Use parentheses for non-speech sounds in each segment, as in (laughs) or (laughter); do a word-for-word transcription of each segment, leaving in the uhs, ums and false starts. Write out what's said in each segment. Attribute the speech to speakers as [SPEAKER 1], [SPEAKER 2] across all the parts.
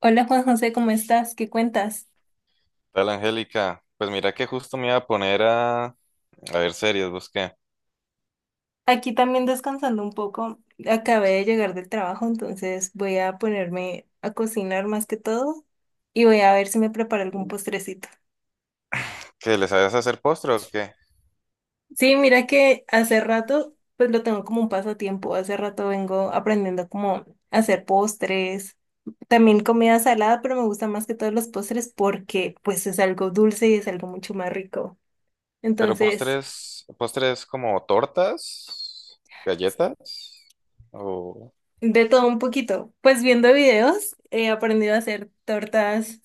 [SPEAKER 1] Hola Juan José, ¿cómo estás? ¿Qué cuentas?
[SPEAKER 2] Tal, Angélica. Pues mira que justo me iba a poner a, a ver series, busqué.
[SPEAKER 1] Aquí también descansando un poco. Acabé de llegar del trabajo, entonces voy a ponerme a cocinar más que todo y voy a ver si me preparo algún postrecito.
[SPEAKER 2] ¿Qué les sabes hacer postre o qué?
[SPEAKER 1] Sí, mira que hace rato, pues lo tengo como un pasatiempo. Hace rato vengo aprendiendo como a hacer postres, también comida salada, pero me gusta más que todos los postres porque pues es algo dulce y es algo mucho más rico.
[SPEAKER 2] Pero
[SPEAKER 1] Entonces...
[SPEAKER 2] postres, postres como tortas, galletas, o...
[SPEAKER 1] De todo un poquito. Pues viendo videos he aprendido a hacer tortas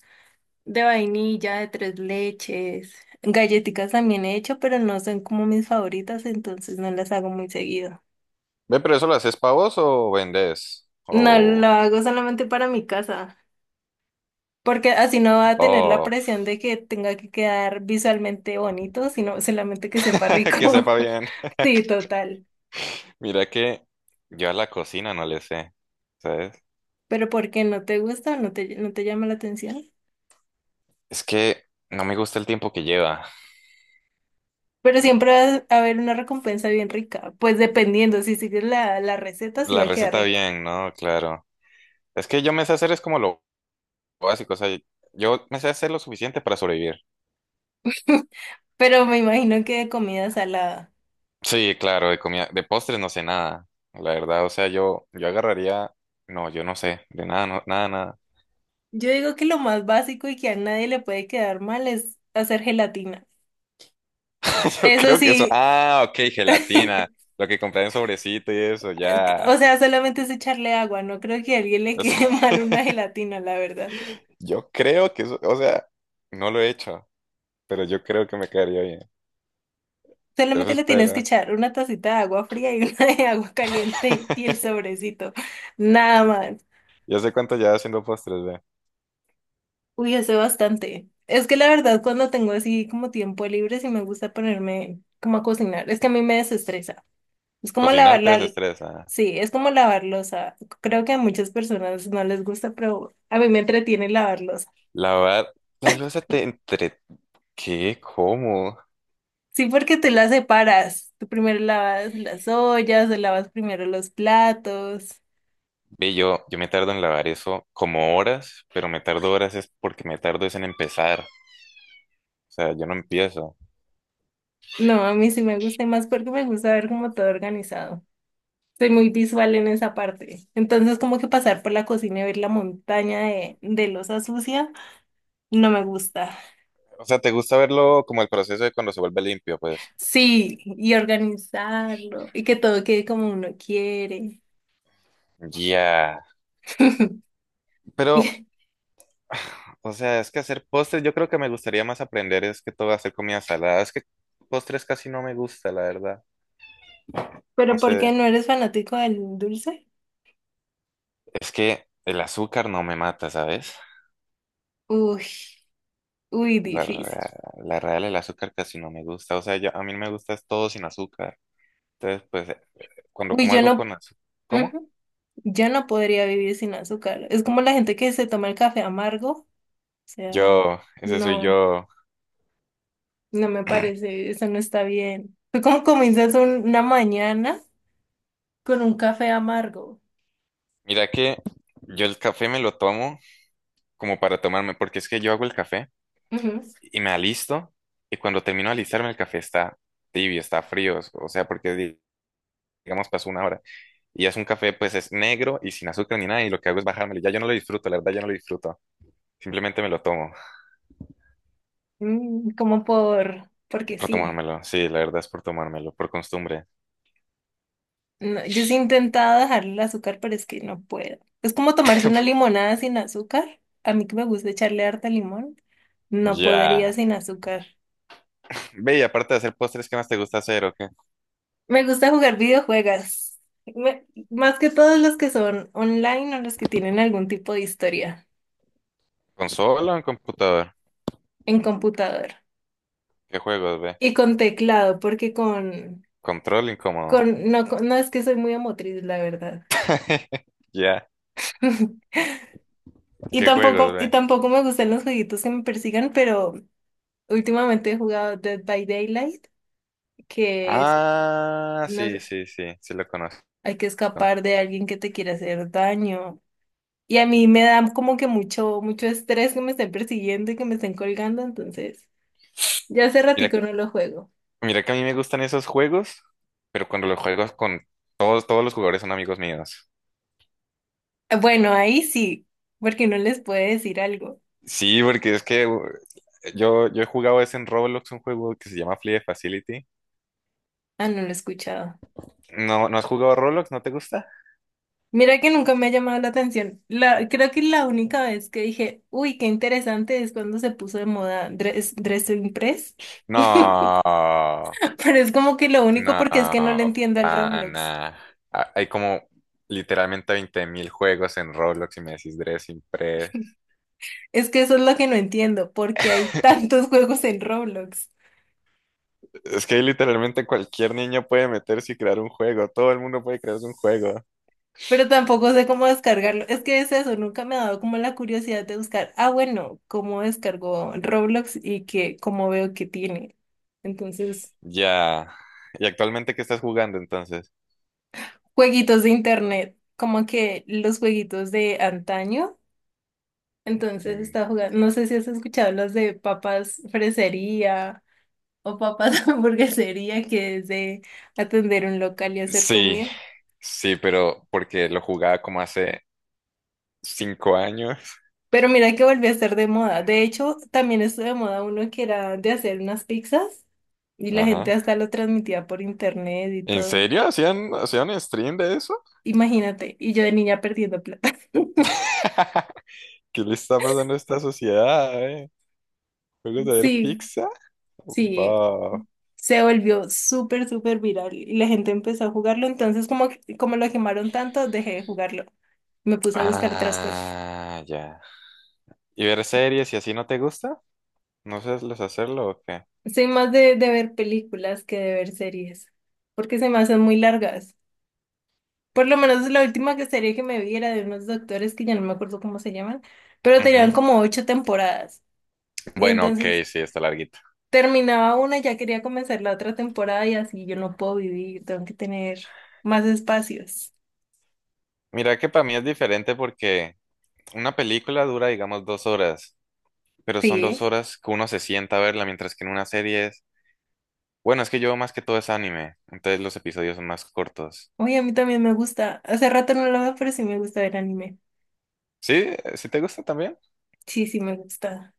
[SPEAKER 1] de vainilla, de tres leches. Galletitas también he hecho, pero no son como mis favoritas, entonces no las hago muy seguido.
[SPEAKER 2] Ve, pero eso lo haces pavos o vendes,
[SPEAKER 1] No lo
[SPEAKER 2] o...
[SPEAKER 1] hago solamente para mi casa, porque así no va a tener la
[SPEAKER 2] Oh,
[SPEAKER 1] presión de que tenga que quedar visualmente bonito, sino solamente que sepa
[SPEAKER 2] (laughs) que
[SPEAKER 1] rico.
[SPEAKER 2] sepa
[SPEAKER 1] (laughs)
[SPEAKER 2] bien.
[SPEAKER 1] Sí, total.
[SPEAKER 2] Mira que yo a la cocina no le sé, ¿sabes?
[SPEAKER 1] Pero ¿por qué no te gusta? ¿No te, no te llama la atención.
[SPEAKER 2] Es que no me gusta el tiempo que lleva.
[SPEAKER 1] Pero siempre va a haber una recompensa bien rica. Pues dependiendo, si sigues la, la receta, sí va
[SPEAKER 2] La
[SPEAKER 1] a quedar
[SPEAKER 2] receta
[SPEAKER 1] rica.
[SPEAKER 2] bien, ¿no? Claro. Es que yo me sé hacer es como lo básico, o sea, yo me sé hacer lo suficiente para sobrevivir.
[SPEAKER 1] (laughs) Pero me imagino que de comida salada.
[SPEAKER 2] Sí, claro, de comida, de postres no sé nada, la verdad, o sea, yo, yo agarraría, no, yo no sé, de nada, no- nada, nada.
[SPEAKER 1] Yo digo que lo más básico y que a nadie le puede quedar mal es hacer gelatina.
[SPEAKER 2] (laughs) Yo
[SPEAKER 1] Eso
[SPEAKER 2] creo que eso,
[SPEAKER 1] sí,
[SPEAKER 2] ah, ok, gelatina, lo que compré en sobrecito y eso,
[SPEAKER 1] (laughs)
[SPEAKER 2] ya.
[SPEAKER 1] o sea, solamente es echarle agua. No creo que a alguien le
[SPEAKER 2] O sea,
[SPEAKER 1] quede (laughs) mal una
[SPEAKER 2] (laughs)
[SPEAKER 1] gelatina, la verdad.
[SPEAKER 2] yo creo que eso, o sea, no lo he hecho, pero yo creo que me quedaría bien. Eso
[SPEAKER 1] Solamente le tienes que
[SPEAKER 2] espero.
[SPEAKER 1] echar una tacita de agua fría y una de agua caliente y el
[SPEAKER 2] (laughs)
[SPEAKER 1] sobrecito. Nada más.
[SPEAKER 2] Yo sé cuánto llevas haciendo postres, ve.
[SPEAKER 1] Uy, hace bastante. Es que la verdad, cuando tengo así como tiempo libre, sí me gusta ponerme como a cocinar. Es que a mí me desestresa. Es como
[SPEAKER 2] Cocinar
[SPEAKER 1] lavar
[SPEAKER 2] te
[SPEAKER 1] la...
[SPEAKER 2] desestresa.
[SPEAKER 1] Sí, es como lavar loza. Creo que a muchas personas no les gusta, pero a mí me entretiene lavar loza.
[SPEAKER 2] Lavar la loza te entre... ¿Qué? ¿Cómo?
[SPEAKER 1] Sí, porque tú la separas. Tú primero lavas las ollas, o lavas primero los platos.
[SPEAKER 2] Ve, yo, yo me tardo en lavar eso como horas, pero me tardo horas es porque me tardo es en empezar. O sea, yo no empiezo.
[SPEAKER 1] No, a mí sí me gusta y más porque me gusta ver como todo organizado. Soy muy visual en esa parte. Entonces, como que pasar por la cocina y ver la montaña de, de loza sucia, no me gusta.
[SPEAKER 2] O sea, ¿te gusta verlo como el proceso de cuando se vuelve limpio, pues?
[SPEAKER 1] Sí, y organizarlo, y que todo quede como uno quiere.
[SPEAKER 2] Ya.
[SPEAKER 1] (laughs)
[SPEAKER 2] Pero,
[SPEAKER 1] Y-
[SPEAKER 2] o sea, es que hacer postres, yo creo que me gustaría más aprender es que todo hacer comida salada. Es que postres casi no me gusta, la verdad. No
[SPEAKER 1] Pero ¿por
[SPEAKER 2] sé.
[SPEAKER 1] qué no eres fanático del dulce?
[SPEAKER 2] Es que el azúcar no me mata, ¿sabes?
[SPEAKER 1] Uy, uy,
[SPEAKER 2] La,
[SPEAKER 1] difícil.
[SPEAKER 2] rea- la real, el azúcar casi no me gusta. O sea, yo, a mí me gusta es todo sin azúcar. Entonces, pues, eh, cuando
[SPEAKER 1] Uy,
[SPEAKER 2] como
[SPEAKER 1] yo
[SPEAKER 2] algo
[SPEAKER 1] no,
[SPEAKER 2] con azúcar. ¿Cómo?
[SPEAKER 1] ujú, yo no podría vivir sin azúcar. Es como la gente que se toma el café amargo. O sea,
[SPEAKER 2] Yo, ese soy
[SPEAKER 1] no,
[SPEAKER 2] yo.
[SPEAKER 1] no me parece, eso no está bien. Tú como comienzas un- una mañana con un café amargo.
[SPEAKER 2] Mira que yo el café me lo tomo como para tomarme, porque es que yo hago el café
[SPEAKER 1] Ujú.
[SPEAKER 2] y me alisto y cuando termino de alistarme el café está tibio, está frío, o sea, porque di- digamos pasó una hora y es un café, pues es negro y sin azúcar ni nada, y lo que hago es bajármelo. Ya yo no lo disfruto, la verdad ya no lo disfruto. Simplemente me lo tomo
[SPEAKER 1] Mm, como por, porque
[SPEAKER 2] por
[SPEAKER 1] sí.
[SPEAKER 2] tomármelo. Sí, la verdad es por tomármelo, por costumbre.
[SPEAKER 1] No, yo sí he intentado dejar el azúcar, pero es que no puedo. Es como tomarse una
[SPEAKER 2] (laughs)
[SPEAKER 1] limonada sin azúcar. A mí que me gusta echarle harta limón, no podría
[SPEAKER 2] Ya.
[SPEAKER 1] sin azúcar.
[SPEAKER 2] Ve, y aparte de hacer postres, ¿qué más te gusta hacer o qué?
[SPEAKER 1] Me gusta jugar videojuegos. Me- más que todos los que son online o los que tienen algún tipo de historia
[SPEAKER 2] ¿Consola o en computador?
[SPEAKER 1] en computador.
[SPEAKER 2] ¿Qué juegos, ve?
[SPEAKER 1] Y con teclado, porque con,
[SPEAKER 2] Control incómodo.
[SPEAKER 1] con, no, con- no es que soy muy emotriz, la verdad.
[SPEAKER 2] (laughs) Ya.
[SPEAKER 1] (laughs) Y
[SPEAKER 2] ¿Qué juegos,
[SPEAKER 1] tampoco, y
[SPEAKER 2] ve?
[SPEAKER 1] tampoco me gustan los jueguitos que me persigan, pero últimamente he jugado Dead by Daylight, que es,
[SPEAKER 2] Ah,
[SPEAKER 1] no
[SPEAKER 2] sí,
[SPEAKER 1] sé,
[SPEAKER 2] sí, sí, sí lo conozco.
[SPEAKER 1] hay que escapar de alguien que te quiere hacer daño. Y a mí me da como que mucho, mucho estrés que me estén persiguiendo y que me estén colgando, entonces ya hace
[SPEAKER 2] Mira,
[SPEAKER 1] ratico no lo juego.
[SPEAKER 2] mira que a mí me gustan esos juegos, pero cuando los juegos con todos, todos los jugadores son amigos míos.
[SPEAKER 1] Eh, Bueno, ahí sí, porque no les puede decir algo.
[SPEAKER 2] Sí, porque es que uh, yo, yo he jugado ese en Roblox, un juego que se llama Flee Facility.
[SPEAKER 1] Ah, no lo he escuchado.
[SPEAKER 2] ¿No, no has jugado Roblox? ¿No te gusta?
[SPEAKER 1] Mira que nunca me ha llamado la atención. La, creo que la única vez que dije, uy, qué interesante es cuando se puso de moda dress, Dressing Press.
[SPEAKER 2] No,
[SPEAKER 1] (laughs) Pero es como que lo único
[SPEAKER 2] no,
[SPEAKER 1] porque es que no le entiendo al Roblox.
[SPEAKER 2] pana. Ah, hay como literalmente veinte mil juegos en Roblox y me decís Dressing Pre.
[SPEAKER 1] Es que eso es lo que no entiendo, porque hay tantos (laughs) juegos en Roblox.
[SPEAKER 2] Es que ahí literalmente cualquier niño puede meterse y crear un juego. Todo el mundo puede crearse un juego.
[SPEAKER 1] Pero tampoco sé cómo descargarlo. Es que es eso, nunca me ha dado como la curiosidad de buscar, ah, bueno, cómo descargo Roblox y que, cómo veo que tiene. Entonces,
[SPEAKER 2] Ya. ¿Y actualmente qué estás jugando entonces?
[SPEAKER 1] jueguitos de internet, como que los jueguitos de antaño. Entonces
[SPEAKER 2] Mm.
[SPEAKER 1] estaba jugando, no sé si has escuchado los de papas fresería o papas (laughs) hamburguesería, que es de atender un local y hacer
[SPEAKER 2] Sí,
[SPEAKER 1] comida.
[SPEAKER 2] sí, pero porque lo jugaba como hace cinco años.
[SPEAKER 1] Pero mira que volvió a estar de moda. De hecho, también estuvo de moda uno que era de hacer unas pizzas y la gente
[SPEAKER 2] Ajá.
[SPEAKER 1] hasta lo transmitía por internet y
[SPEAKER 2] ¿En
[SPEAKER 1] todo.
[SPEAKER 2] serio? ¿Hacían, hacían stream de eso?
[SPEAKER 1] Imagínate, y yo de niña perdiendo plata. (laughs)
[SPEAKER 2] (laughs) ¿Qué le está pasando a esta sociedad, eh? ¿Juegos de ver
[SPEAKER 1] Sí.
[SPEAKER 2] pizza?
[SPEAKER 1] Sí,
[SPEAKER 2] Va.
[SPEAKER 1] se volvió súper, súper viral y la gente empezó a jugarlo, entonces como, que- como lo quemaron tanto, dejé de jugarlo. Me puse a buscar otras cosas.
[SPEAKER 2] Ah, ya. ¿Y ver series y así no te gusta? ¿No sabes hacerlo o qué?
[SPEAKER 1] Soy más de, de ver películas que de ver series, porque se me hacen muy largas. Por lo menos la última que serie que me vi era de unos doctores que ya no me acuerdo cómo se llaman, pero tenían como ocho temporadas. Y
[SPEAKER 2] Bueno, ok,
[SPEAKER 1] entonces
[SPEAKER 2] sí, está larguita.
[SPEAKER 1] terminaba una y ya quería comenzar la otra temporada y así yo no puedo vivir, tengo que tener más espacios.
[SPEAKER 2] Mira que para mí es diferente porque una película dura, digamos, dos horas, pero son
[SPEAKER 1] Sí.
[SPEAKER 2] dos horas que uno se sienta a verla, mientras que en una serie es... Bueno, es que yo más que todo es anime, entonces los episodios son más cortos.
[SPEAKER 1] Oye, a mí también me gusta. Hace rato no lo veo, pero sí me gusta ver anime.
[SPEAKER 2] ¿Sí? ¿Sí te gusta también?
[SPEAKER 1] Sí, sí me gusta.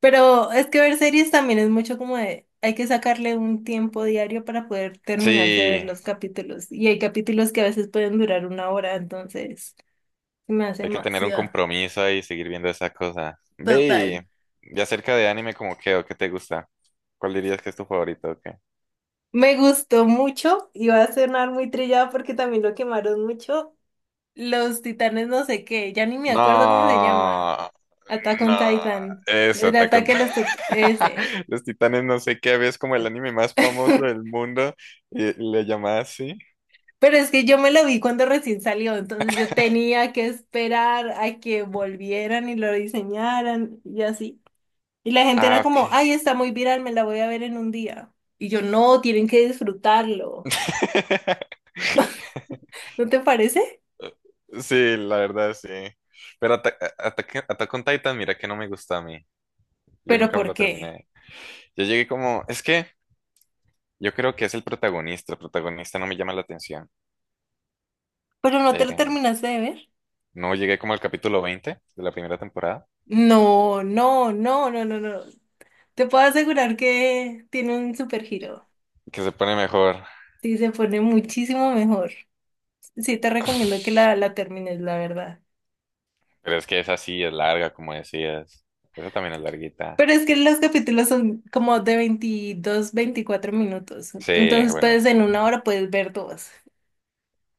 [SPEAKER 1] Pero es que ver series también es mucho como de, hay que sacarle un tiempo diario para poder terminarse de ver
[SPEAKER 2] Sí,
[SPEAKER 1] los capítulos. Y hay capítulos que a veces pueden durar una hora, entonces se me hace
[SPEAKER 2] hay que tener un
[SPEAKER 1] demasiado.
[SPEAKER 2] compromiso ahí y seguir viendo esa cosa.
[SPEAKER 1] Total.
[SPEAKER 2] Ve, y, y acerca de anime, ¿como qué o qué te gusta? ¿Cuál dirías que es tu favorito o qué?
[SPEAKER 1] Me gustó mucho y va a sonar muy trillado porque también lo quemaron mucho. Los titanes no sé qué, ya ni me acuerdo cómo se llama.
[SPEAKER 2] No,
[SPEAKER 1] Attack
[SPEAKER 2] no,
[SPEAKER 1] on Titan.
[SPEAKER 2] eso,
[SPEAKER 1] El
[SPEAKER 2] te
[SPEAKER 1] ataque a los tit- ese.
[SPEAKER 2] (laughs) los Titanes, no sé qué, es como el anime más famoso
[SPEAKER 1] (laughs)
[SPEAKER 2] del mundo, y y le llamaba así.
[SPEAKER 1] Pero es que yo me lo vi cuando recién salió, entonces yo tenía que esperar a que volvieran y lo diseñaran y así. Y la gente
[SPEAKER 2] Ah,
[SPEAKER 1] era
[SPEAKER 2] ok,
[SPEAKER 1] como, ay,
[SPEAKER 2] sí.
[SPEAKER 1] está muy viral, me la voy a ver en un día. Y yo, no, tienen que disfrutarlo.
[SPEAKER 2] (laughs)
[SPEAKER 1] ¿No te parece?
[SPEAKER 2] Sí, la verdad, sí. Pero Ata- A- Ataque- Attack on Titan, mira que no me gusta a mí. Yo
[SPEAKER 1] ¿Pero
[SPEAKER 2] nunca me
[SPEAKER 1] por
[SPEAKER 2] lo
[SPEAKER 1] qué?
[SPEAKER 2] terminé. Yo llegué como, es que yo creo que es el protagonista. El protagonista no me llama la atención.
[SPEAKER 1] ¿Pero no te lo
[SPEAKER 2] Eren.
[SPEAKER 1] terminaste de ver?
[SPEAKER 2] No llegué como al capítulo veinte de la primera temporada,
[SPEAKER 1] No, no, no, no, no, no. Te puedo asegurar que tiene un super giro.
[SPEAKER 2] que se pone mejor.
[SPEAKER 1] Sí, se pone muchísimo mejor. Sí, te recomiendo que la, la termines, la verdad.
[SPEAKER 2] Pero es que esa sí es larga, como decías. Esa también es larguita.
[SPEAKER 1] Pero es que los capítulos son como de veintidós, veinticuatro minutos.
[SPEAKER 2] Sí,
[SPEAKER 1] Entonces, pues
[SPEAKER 2] bueno,
[SPEAKER 1] en una hora puedes ver dos.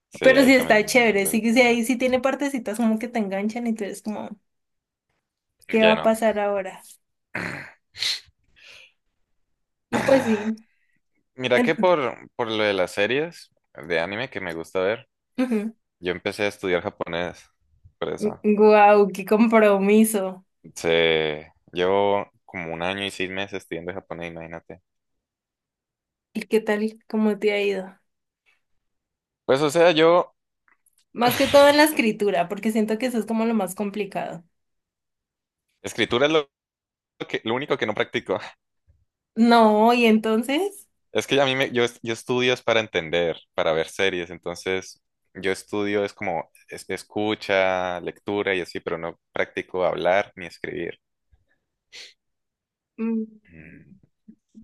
[SPEAKER 2] sí,
[SPEAKER 1] Pero sí
[SPEAKER 2] ahí
[SPEAKER 1] está
[SPEAKER 2] también,
[SPEAKER 1] chévere. Sí, que sí,
[SPEAKER 2] ¿verdad?
[SPEAKER 1] ahí sí tiene partecitas como que te enganchan y tú eres como, ¿qué va
[SPEAKER 2] Ya
[SPEAKER 1] a
[SPEAKER 2] no.
[SPEAKER 1] pasar ahora? Y pues
[SPEAKER 2] (sighs)
[SPEAKER 1] sí.
[SPEAKER 2] Mira que
[SPEAKER 1] en-
[SPEAKER 2] por, por, lo de las series de anime que me gusta ver,
[SPEAKER 1] ujú.
[SPEAKER 2] yo empecé a estudiar japonés, por eso.
[SPEAKER 1] Guau, qué compromiso.
[SPEAKER 2] Se, llevo como un año y seis meses estudiando japonés, imagínate.
[SPEAKER 1] ¿Y qué tal? ¿Cómo te ha ido?
[SPEAKER 2] Pues o sea, yo,
[SPEAKER 1] Más que todo en la escritura, porque siento que eso es como lo más complicado.
[SPEAKER 2] escritura es lo, lo que, lo único que no practico. (laughs)
[SPEAKER 1] No, y entonces,
[SPEAKER 2] Es que a mí me, yo, es- yo estudio es para entender, para ver series, entonces yo estudio es como es- escucha, lectura y así, pero no practico hablar ni escribir.
[SPEAKER 1] Mm,
[SPEAKER 2] Mm,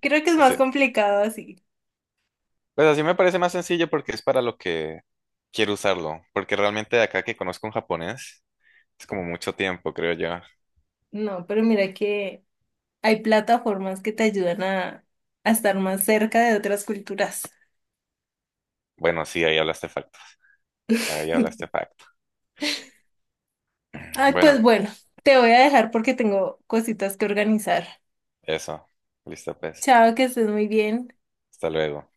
[SPEAKER 1] creo que es
[SPEAKER 2] o
[SPEAKER 1] más
[SPEAKER 2] sea,
[SPEAKER 1] complicado así.
[SPEAKER 2] pues así me parece más sencillo porque es para lo que quiero usarlo, porque realmente de acá que conozco un japonés es como mucho tiempo, creo yo.
[SPEAKER 1] No, pero mira que hay plataformas que te ayudan a, a estar más cerca de otras culturas.
[SPEAKER 2] Bueno, sí, ahí hablaste facto, ahí hablaste
[SPEAKER 1] (laughs)
[SPEAKER 2] facto. (clears throat)
[SPEAKER 1] Ay,
[SPEAKER 2] Bueno,
[SPEAKER 1] pues bueno, te voy a dejar porque tengo cositas que organizar.
[SPEAKER 2] eso, listo pues,
[SPEAKER 1] Chao, que estés muy bien.
[SPEAKER 2] hasta luego.